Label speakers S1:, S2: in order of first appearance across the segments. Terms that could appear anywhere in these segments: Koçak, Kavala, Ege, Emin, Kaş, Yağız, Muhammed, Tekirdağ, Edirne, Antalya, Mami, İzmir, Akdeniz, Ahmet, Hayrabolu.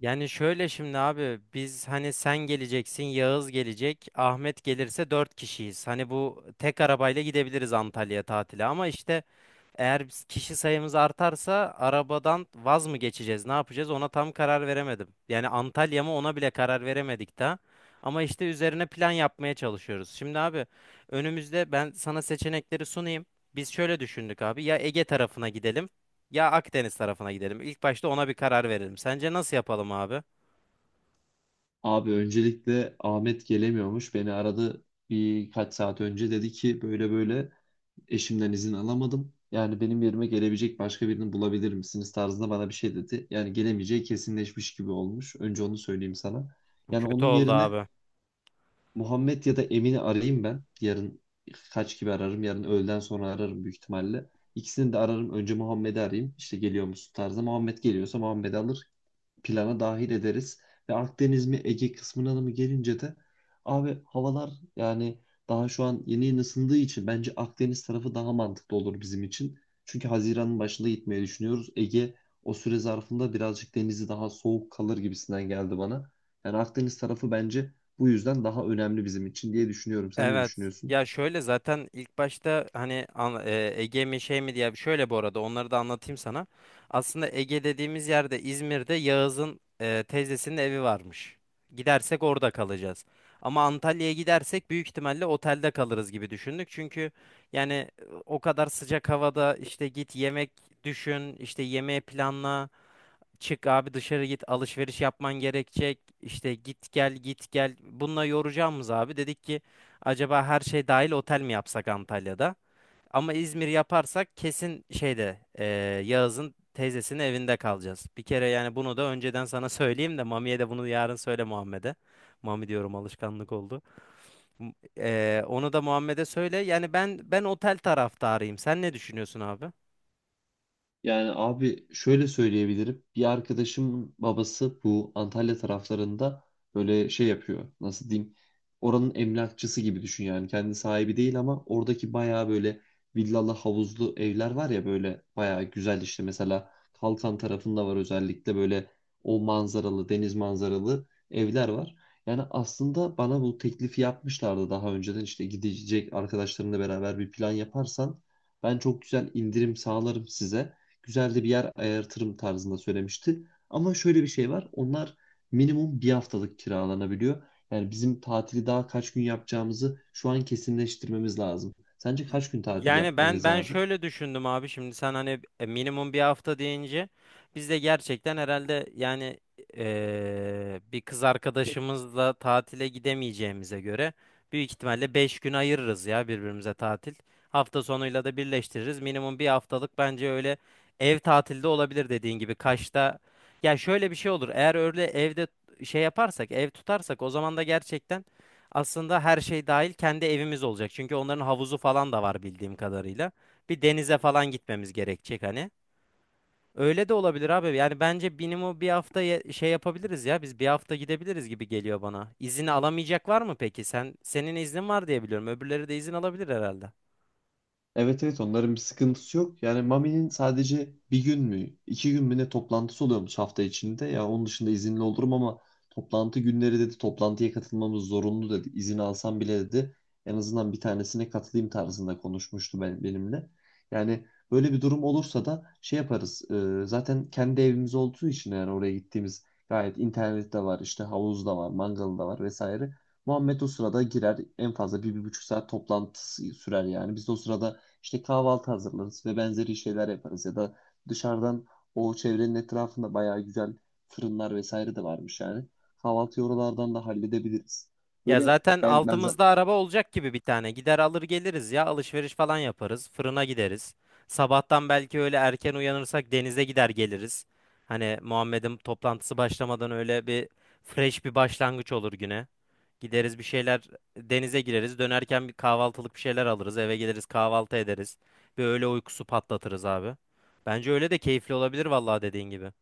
S1: Yani şöyle şimdi abi biz hani sen geleceksin, Yağız gelecek, Ahmet gelirse dört kişiyiz. Hani bu tek arabayla gidebiliriz Antalya'ya tatile ama işte eğer kişi sayımız artarsa arabadan vaz mı geçeceğiz? Ne yapacağız? Ona tam karar veremedim. Yani Antalya mı ona bile karar veremedik daha. Ama işte üzerine plan yapmaya çalışıyoruz. Şimdi abi önümüzde ben sana seçenekleri sunayım. Biz şöyle düşündük abi. Ya Ege tarafına gidelim ya Akdeniz tarafına gidelim. İlk başta ona bir karar verelim. Sence nasıl yapalım abi?
S2: Abi öncelikle Ahmet gelemiyormuş. Beni aradı birkaç saat önce, dedi ki böyle böyle eşimden izin alamadım. Yani benim yerime gelebilecek başka birini bulabilir misiniz tarzında bana bir şey dedi. Yani gelemeyeceği kesinleşmiş gibi olmuş. Önce onu söyleyeyim sana.
S1: Bu
S2: Yani
S1: kötü
S2: onun
S1: oldu
S2: yerine
S1: abi.
S2: Muhammed ya da Emin'i arayayım ben. Yarın kaç gibi ararım? Yarın öğleden sonra ararım büyük ihtimalle. İkisini de ararım. Önce Muhammed'i arayayım. İşte geliyor musun tarzında. Muhammed geliyorsa Muhammed'i alır plana dahil ederiz. Ve Akdeniz mi Ege kısmına da mı gelince de abi havalar yani daha şu an yeni yeni ısındığı için bence Akdeniz tarafı daha mantıklı olur bizim için. Çünkü Haziran'ın başında gitmeyi düşünüyoruz. Ege o süre zarfında birazcık denizi daha soğuk kalır gibisinden geldi bana. Yani Akdeniz tarafı bence bu yüzden daha önemli bizim için diye düşünüyorum. Sen ne
S1: Evet.
S2: düşünüyorsun?
S1: Ya şöyle zaten ilk başta hani Ege mi şey mi diye şöyle bu arada onları da anlatayım sana. Aslında Ege dediğimiz yerde İzmir'de Yağız'ın teyzesinin evi varmış. Gidersek orada kalacağız. Ama Antalya'ya gidersek büyük ihtimalle otelde kalırız gibi düşündük. Çünkü yani o kadar sıcak havada işte git yemek düşün, işte yemeği planla. Çık abi dışarı git alışveriş yapman gerekecek işte git gel git gel bununla yoracağımız abi dedik ki acaba her şey dahil otel mi yapsak Antalya'da ama İzmir yaparsak kesin şeyde Yağız'ın teyzesinin evinde kalacağız bir kere yani bunu da önceden sana söyleyeyim de Mami'ye de bunu yarın söyle Muhammed'e. Mami diyorum alışkanlık oldu. Onu da Muhammed'e söyle yani ben otel taraftarıyım, sen ne düşünüyorsun abi?
S2: Yani abi şöyle söyleyebilirim. Bir arkadaşımın babası bu Antalya taraflarında böyle şey yapıyor. Nasıl diyeyim? Oranın emlakçısı gibi düşün yani. Kendi sahibi değil ama oradaki bayağı böyle villalı havuzlu evler var ya, böyle bayağı güzel işte. Mesela Kalkan tarafında var, özellikle böyle o manzaralı, deniz manzaralı evler var. Yani aslında bana bu teklifi yapmışlardı daha önceden, işte gidecek arkadaşlarınla beraber bir plan yaparsan ben çok güzel indirim sağlarım size, güzel de bir yer ayartırım tarzında söylemişti. Ama şöyle bir şey var. Onlar minimum bir haftalık kiralanabiliyor. Yani bizim tatili daha kaç gün yapacağımızı şu an kesinleştirmemiz lazım. Sence kaç gün tatil
S1: Yani ben
S2: yapmalıyız
S1: ben
S2: abi?
S1: şöyle düşündüm abi, şimdi sen hani minimum bir hafta deyince biz de gerçekten herhalde yani bir kız arkadaşımızla tatile gidemeyeceğimize göre büyük ihtimalle 5 gün ayırırız ya birbirimize tatil. Hafta sonuyla da birleştiririz. Minimum bir haftalık bence öyle ev tatilde olabilir dediğin gibi Kaş'ta. Ya şöyle bir şey olur. Eğer öyle evde şey yaparsak, ev tutarsak o zaman da gerçekten aslında her şey dahil kendi evimiz olacak. Çünkü onların havuzu falan da var bildiğim kadarıyla. Bir denize falan gitmemiz gerekecek hani. Öyle de olabilir abi. Yani bence minimum bir hafta şey yapabiliriz ya. Biz bir hafta gidebiliriz gibi geliyor bana. İzin alamayacak var mı peki? Senin iznin var diye biliyorum. Öbürleri de izin alabilir herhalde.
S2: Evet, evet, onların bir sıkıntısı yok. Yani Mami'nin sadece bir gün mü, iki gün mü ne toplantısı oluyormuş hafta içinde. Ya onun dışında izinli olurum ama toplantı günleri dedi, toplantıya katılmamız zorunlu dedi. İzin alsam bile dedi, en azından bir tanesine katılayım tarzında konuşmuştu benimle. Yani böyle bir durum olursa da şey yaparız. Zaten kendi evimiz olduğu için yani oraya gittiğimiz gayet, internet de var, işte havuz da var, mangalı da var vesaire. Muhammed o sırada girer, en fazla bir, bir buçuk saat toplantı sürer yani. Biz de o sırada işte kahvaltı hazırlarız ve benzeri şeyler yaparız, ya da dışarıdan, o çevrenin etrafında bayağı güzel fırınlar vesaire de varmış yani. Kahvaltıyı oralardan da halledebiliriz.
S1: Ya
S2: Böyle
S1: zaten
S2: ben ben
S1: altımızda araba olacak gibi bir tane. Gider alır geliriz ya. Alışveriş falan yaparız. Fırına gideriz. Sabahtan belki öyle erken uyanırsak denize gider geliriz. Hani Muhammed'in toplantısı başlamadan öyle bir fresh bir başlangıç olur güne. Gideriz bir şeyler, denize gireriz. Dönerken bir kahvaltılık bir şeyler alırız. Eve geliriz kahvaltı ederiz. Bir öğle uykusu patlatırız abi. Bence öyle de keyifli olabilir vallahi dediğin gibi.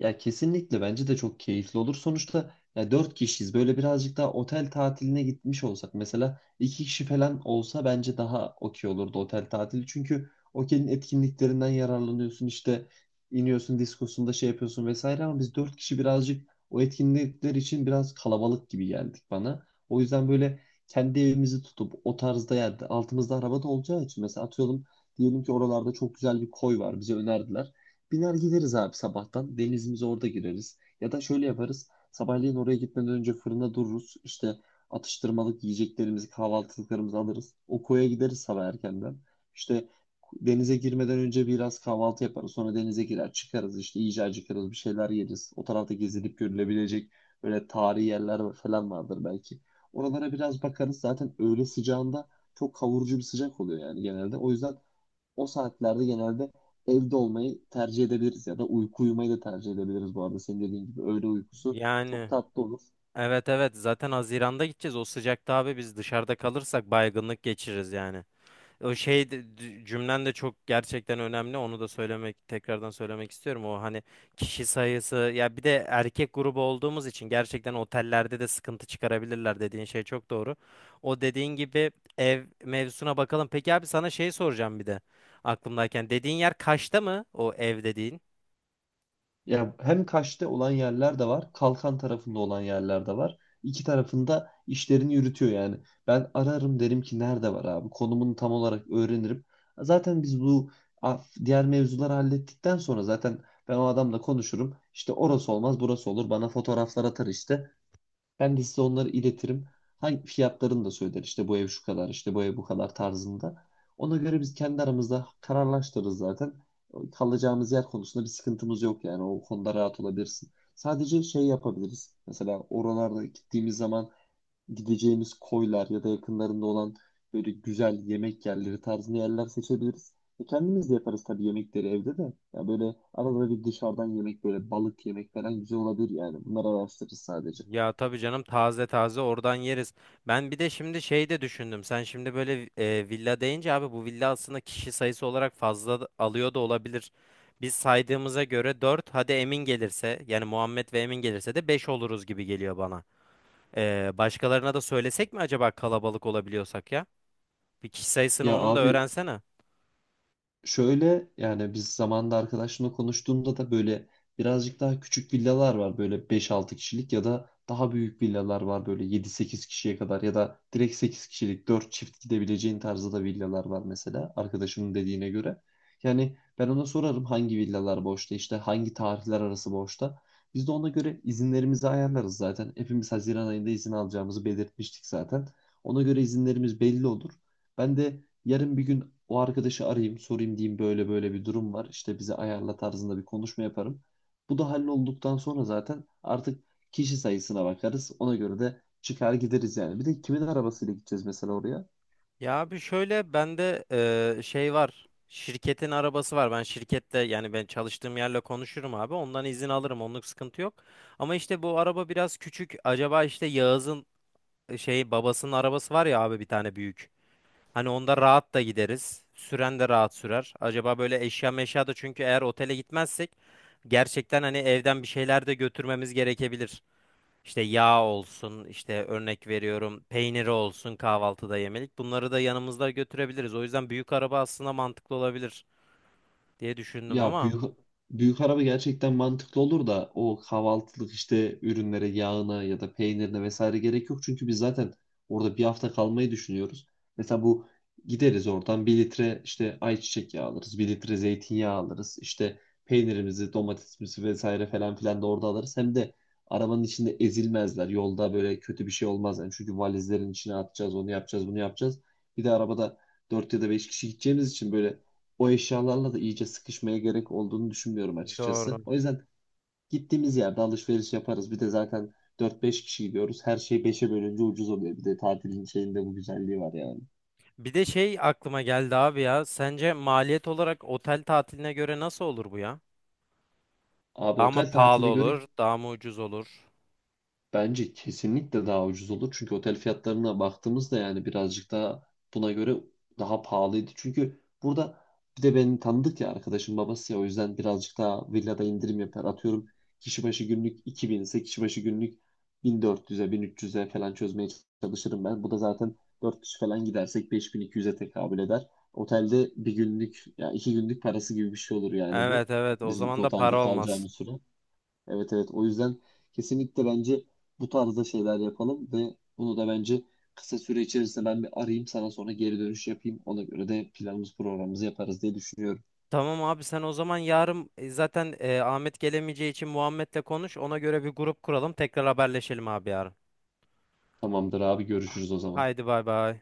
S2: Ya, kesinlikle bence de çok keyifli olur. Sonuçta ya dört kişiyiz. Böyle birazcık daha otel tatiline gitmiş olsak, mesela iki kişi falan olsa bence daha okey olurdu otel tatili. Çünkü otelin etkinliklerinden yararlanıyorsun işte, iniyorsun diskosunda şey yapıyorsun vesaire, ama biz dört kişi birazcık o etkinlikler için biraz kalabalık gibi geldik bana. O yüzden böyle kendi evimizi tutup o tarzda yerde, altımızda araba da olacağı için, mesela atıyorum diyelim ki oralarda çok güzel bir koy var bize önerdiler. Biner gideriz abi sabahtan. Denizimize orada gireriz. Ya da şöyle yaparız. Sabahleyin oraya gitmeden önce fırında dururuz. İşte atıştırmalık yiyeceklerimizi, kahvaltılıklarımızı alırız. O koya gideriz sabah erkenden. İşte denize girmeden önce biraz kahvaltı yaparız. Sonra denize girer çıkarız. İşte iyice acıkarız. Bir şeyler yeriz. O tarafta gezilip görülebilecek böyle tarihi yerler falan vardır belki. Oralara biraz bakarız. Zaten öğle sıcağında çok kavurucu bir sıcak oluyor yani, genelde. O yüzden o saatlerde genelde evde olmayı tercih edebiliriz ya da uyku uyumayı da tercih edebiliriz bu arada. Senin dediğin gibi öğle uykusu çok
S1: Yani
S2: tatlı olur.
S1: Evet, evet, zaten Haziran'da gideceğiz. O sıcakta abi biz dışarıda kalırsak baygınlık geçiririz yani. O şey de- d- Cümlen de çok gerçekten önemli. Onu da tekrardan söylemek istiyorum. O hani kişi sayısı ya bir de erkek grubu olduğumuz için gerçekten otellerde de sıkıntı çıkarabilirler dediğin şey çok doğru. O dediğin gibi ev mevzusuna bakalım. Peki abi sana şey soracağım bir de aklımdayken. Dediğin yer Kaş'ta mı o ev dediğin?
S2: Ya, hem Kaş'ta olan yerler de var, Kalkan tarafında olan yerler de var. İki tarafında işlerini yürütüyor yani. Ben ararım, derim ki nerede var abi? Konumunu tam olarak öğrenirim. Zaten biz bu diğer mevzuları hallettikten sonra zaten ben o adamla konuşurum. İşte orası olmaz, burası olur. Bana fotoğraflar atar işte. Ben de size onları iletirim. Hangi fiyatlarını da söyler. İşte bu ev şu kadar, işte bu ev bu kadar tarzında. Ona göre biz kendi aramızda kararlaştırırız zaten. Kalacağımız yer konusunda bir sıkıntımız yok yani. O konuda rahat olabilirsin. Sadece şey yapabiliriz. Mesela oralarda gittiğimiz zaman gideceğimiz koylar ya da yakınlarında olan böyle güzel yemek yerleri tarzında yerler seçebiliriz. E, kendimiz de yaparız tabii yemekleri evde de. Ya böyle arada bir dışarıdan yemek, böyle balık yemek falan güzel olabilir yani. Bunları araştırırız sadece.
S1: Ya tabii canım taze taze oradan yeriz. Ben bir de şimdi şey de düşündüm. Sen şimdi böyle villa deyince abi, bu villa aslında kişi sayısı olarak alıyor da olabilir. Biz saydığımıza göre dört, hadi Emin gelirse yani Muhammed ve Emin gelirse de 5 oluruz gibi geliyor bana. Başkalarına da söylesek mi acaba kalabalık olabiliyorsak ya? Bir kişi sayısını
S2: Ya
S1: onun da
S2: abi,
S1: öğrensene.
S2: şöyle, yani biz zamanında arkadaşımla konuştuğumda da böyle birazcık daha küçük villalar var böyle beş altı kişilik, ya da daha büyük villalar var böyle yedi sekiz kişiye kadar, ya da direkt 8 kişilik 4 çift gidebileceğin tarzda da villalar var mesela arkadaşımın dediğine göre. Yani ben ona sorarım hangi villalar boşta, işte hangi tarihler arası boşta. Biz de ona göre izinlerimizi ayarlarız zaten. Hepimiz Haziran ayında izin alacağımızı belirtmiştik zaten. Ona göre izinlerimiz belli olur. Ben de yarın bir gün o arkadaşı arayayım, sorayım, diyeyim böyle böyle bir durum var. İşte bize ayarla tarzında bir konuşma yaparım. Bu da hallolduktan sonra zaten artık kişi sayısına bakarız. Ona göre de çıkar gideriz yani. Bir de kimin arabasıyla gideceğiz mesela oraya?
S1: Ya abi şöyle bende şey var. Şirketin arabası var. Ben şirkette yani ben çalıştığım yerle konuşurum abi. Ondan izin alırım. Onluk sıkıntı yok. Ama işte bu araba biraz küçük. Acaba işte Yağız'ın şey babasının arabası var ya abi, bir tane büyük. Hani onda rahat da gideriz. Süren de rahat sürer. Acaba böyle eşya meşya da, çünkü eğer otele gitmezsek gerçekten hani evden bir şeyler de götürmemiz gerekebilir. İşte yağ olsun, işte örnek veriyorum peyniri olsun kahvaltıda yemelik. Bunları da yanımızda götürebiliriz. O yüzden büyük araba aslında mantıklı olabilir diye düşündüm
S2: Ya
S1: ama
S2: büyük araba gerçekten mantıklı olur da, o kahvaltılık işte ürünlere, yağına ya da peynirine vesaire gerek yok. Çünkü biz zaten orada bir hafta kalmayı düşünüyoruz. Mesela bu gideriz oradan bir litre işte ayçiçek yağı alırız, bir litre zeytinyağı alırız. İşte peynirimizi, domatesimizi vesaire falan filan da orada alırız. Hem de arabanın içinde ezilmezler. Yolda böyle kötü bir şey olmaz. Yani, çünkü valizlerin içine atacağız, onu yapacağız, bunu yapacağız. Bir de arabada 4 ya da 5 kişi gideceğimiz için böyle o eşyalarla da iyice sıkışmaya gerek olduğunu düşünmüyorum açıkçası.
S1: doğru.
S2: O yüzden gittiğimiz yerde alışveriş yaparız. Bir de zaten dört beş kişi gidiyoruz. Her şey 5'e bölünce ucuz oluyor. Bir de tatilin şeyinde bu güzelliği var yani.
S1: Bir de şey aklıma geldi abi ya. Sence maliyet olarak otel tatiline göre nasıl olur bu ya?
S2: Abi
S1: Daha mı
S2: otel
S1: pahalı
S2: tatiline göre,
S1: olur, daha mı ucuz olur?
S2: bence kesinlikle daha ucuz olur. Çünkü otel fiyatlarına baktığımızda yani birazcık daha, buna göre daha pahalıydı. Çünkü burada bir de beni tanıdık ya, arkadaşım babası ya, o yüzden birazcık daha villada indirim yapar. Atıyorum kişi başı günlük 2000 ise, kişi başı günlük 1400'e, 1300'e falan çözmeye çalışırım ben. Bu da zaten 4 kişi falan gidersek 5200'e tekabül eder. Otelde bir günlük ya iki günlük parası gibi bir şey olur yani bu.
S1: Evet, evet, o
S2: Bizim
S1: zaman da
S2: otelde
S1: para olmaz.
S2: kalacağımız süre. Evet, evet, o yüzden kesinlikle bence bu tarzda şeyler yapalım, ve bunu da bence kısa süre içerisinde ben bir arayayım sana, sonra geri dönüş yapayım. Ona göre de planımız programımızı yaparız diye düşünüyorum.
S1: Tamam abi, sen o zaman yarın zaten Ahmet gelemeyeceği için Muhammed'le konuş. Ona göre bir grup kuralım. Tekrar haberleşelim abi yarın.
S2: Tamamdır abi, görüşürüz o zaman.
S1: Haydi bay bay.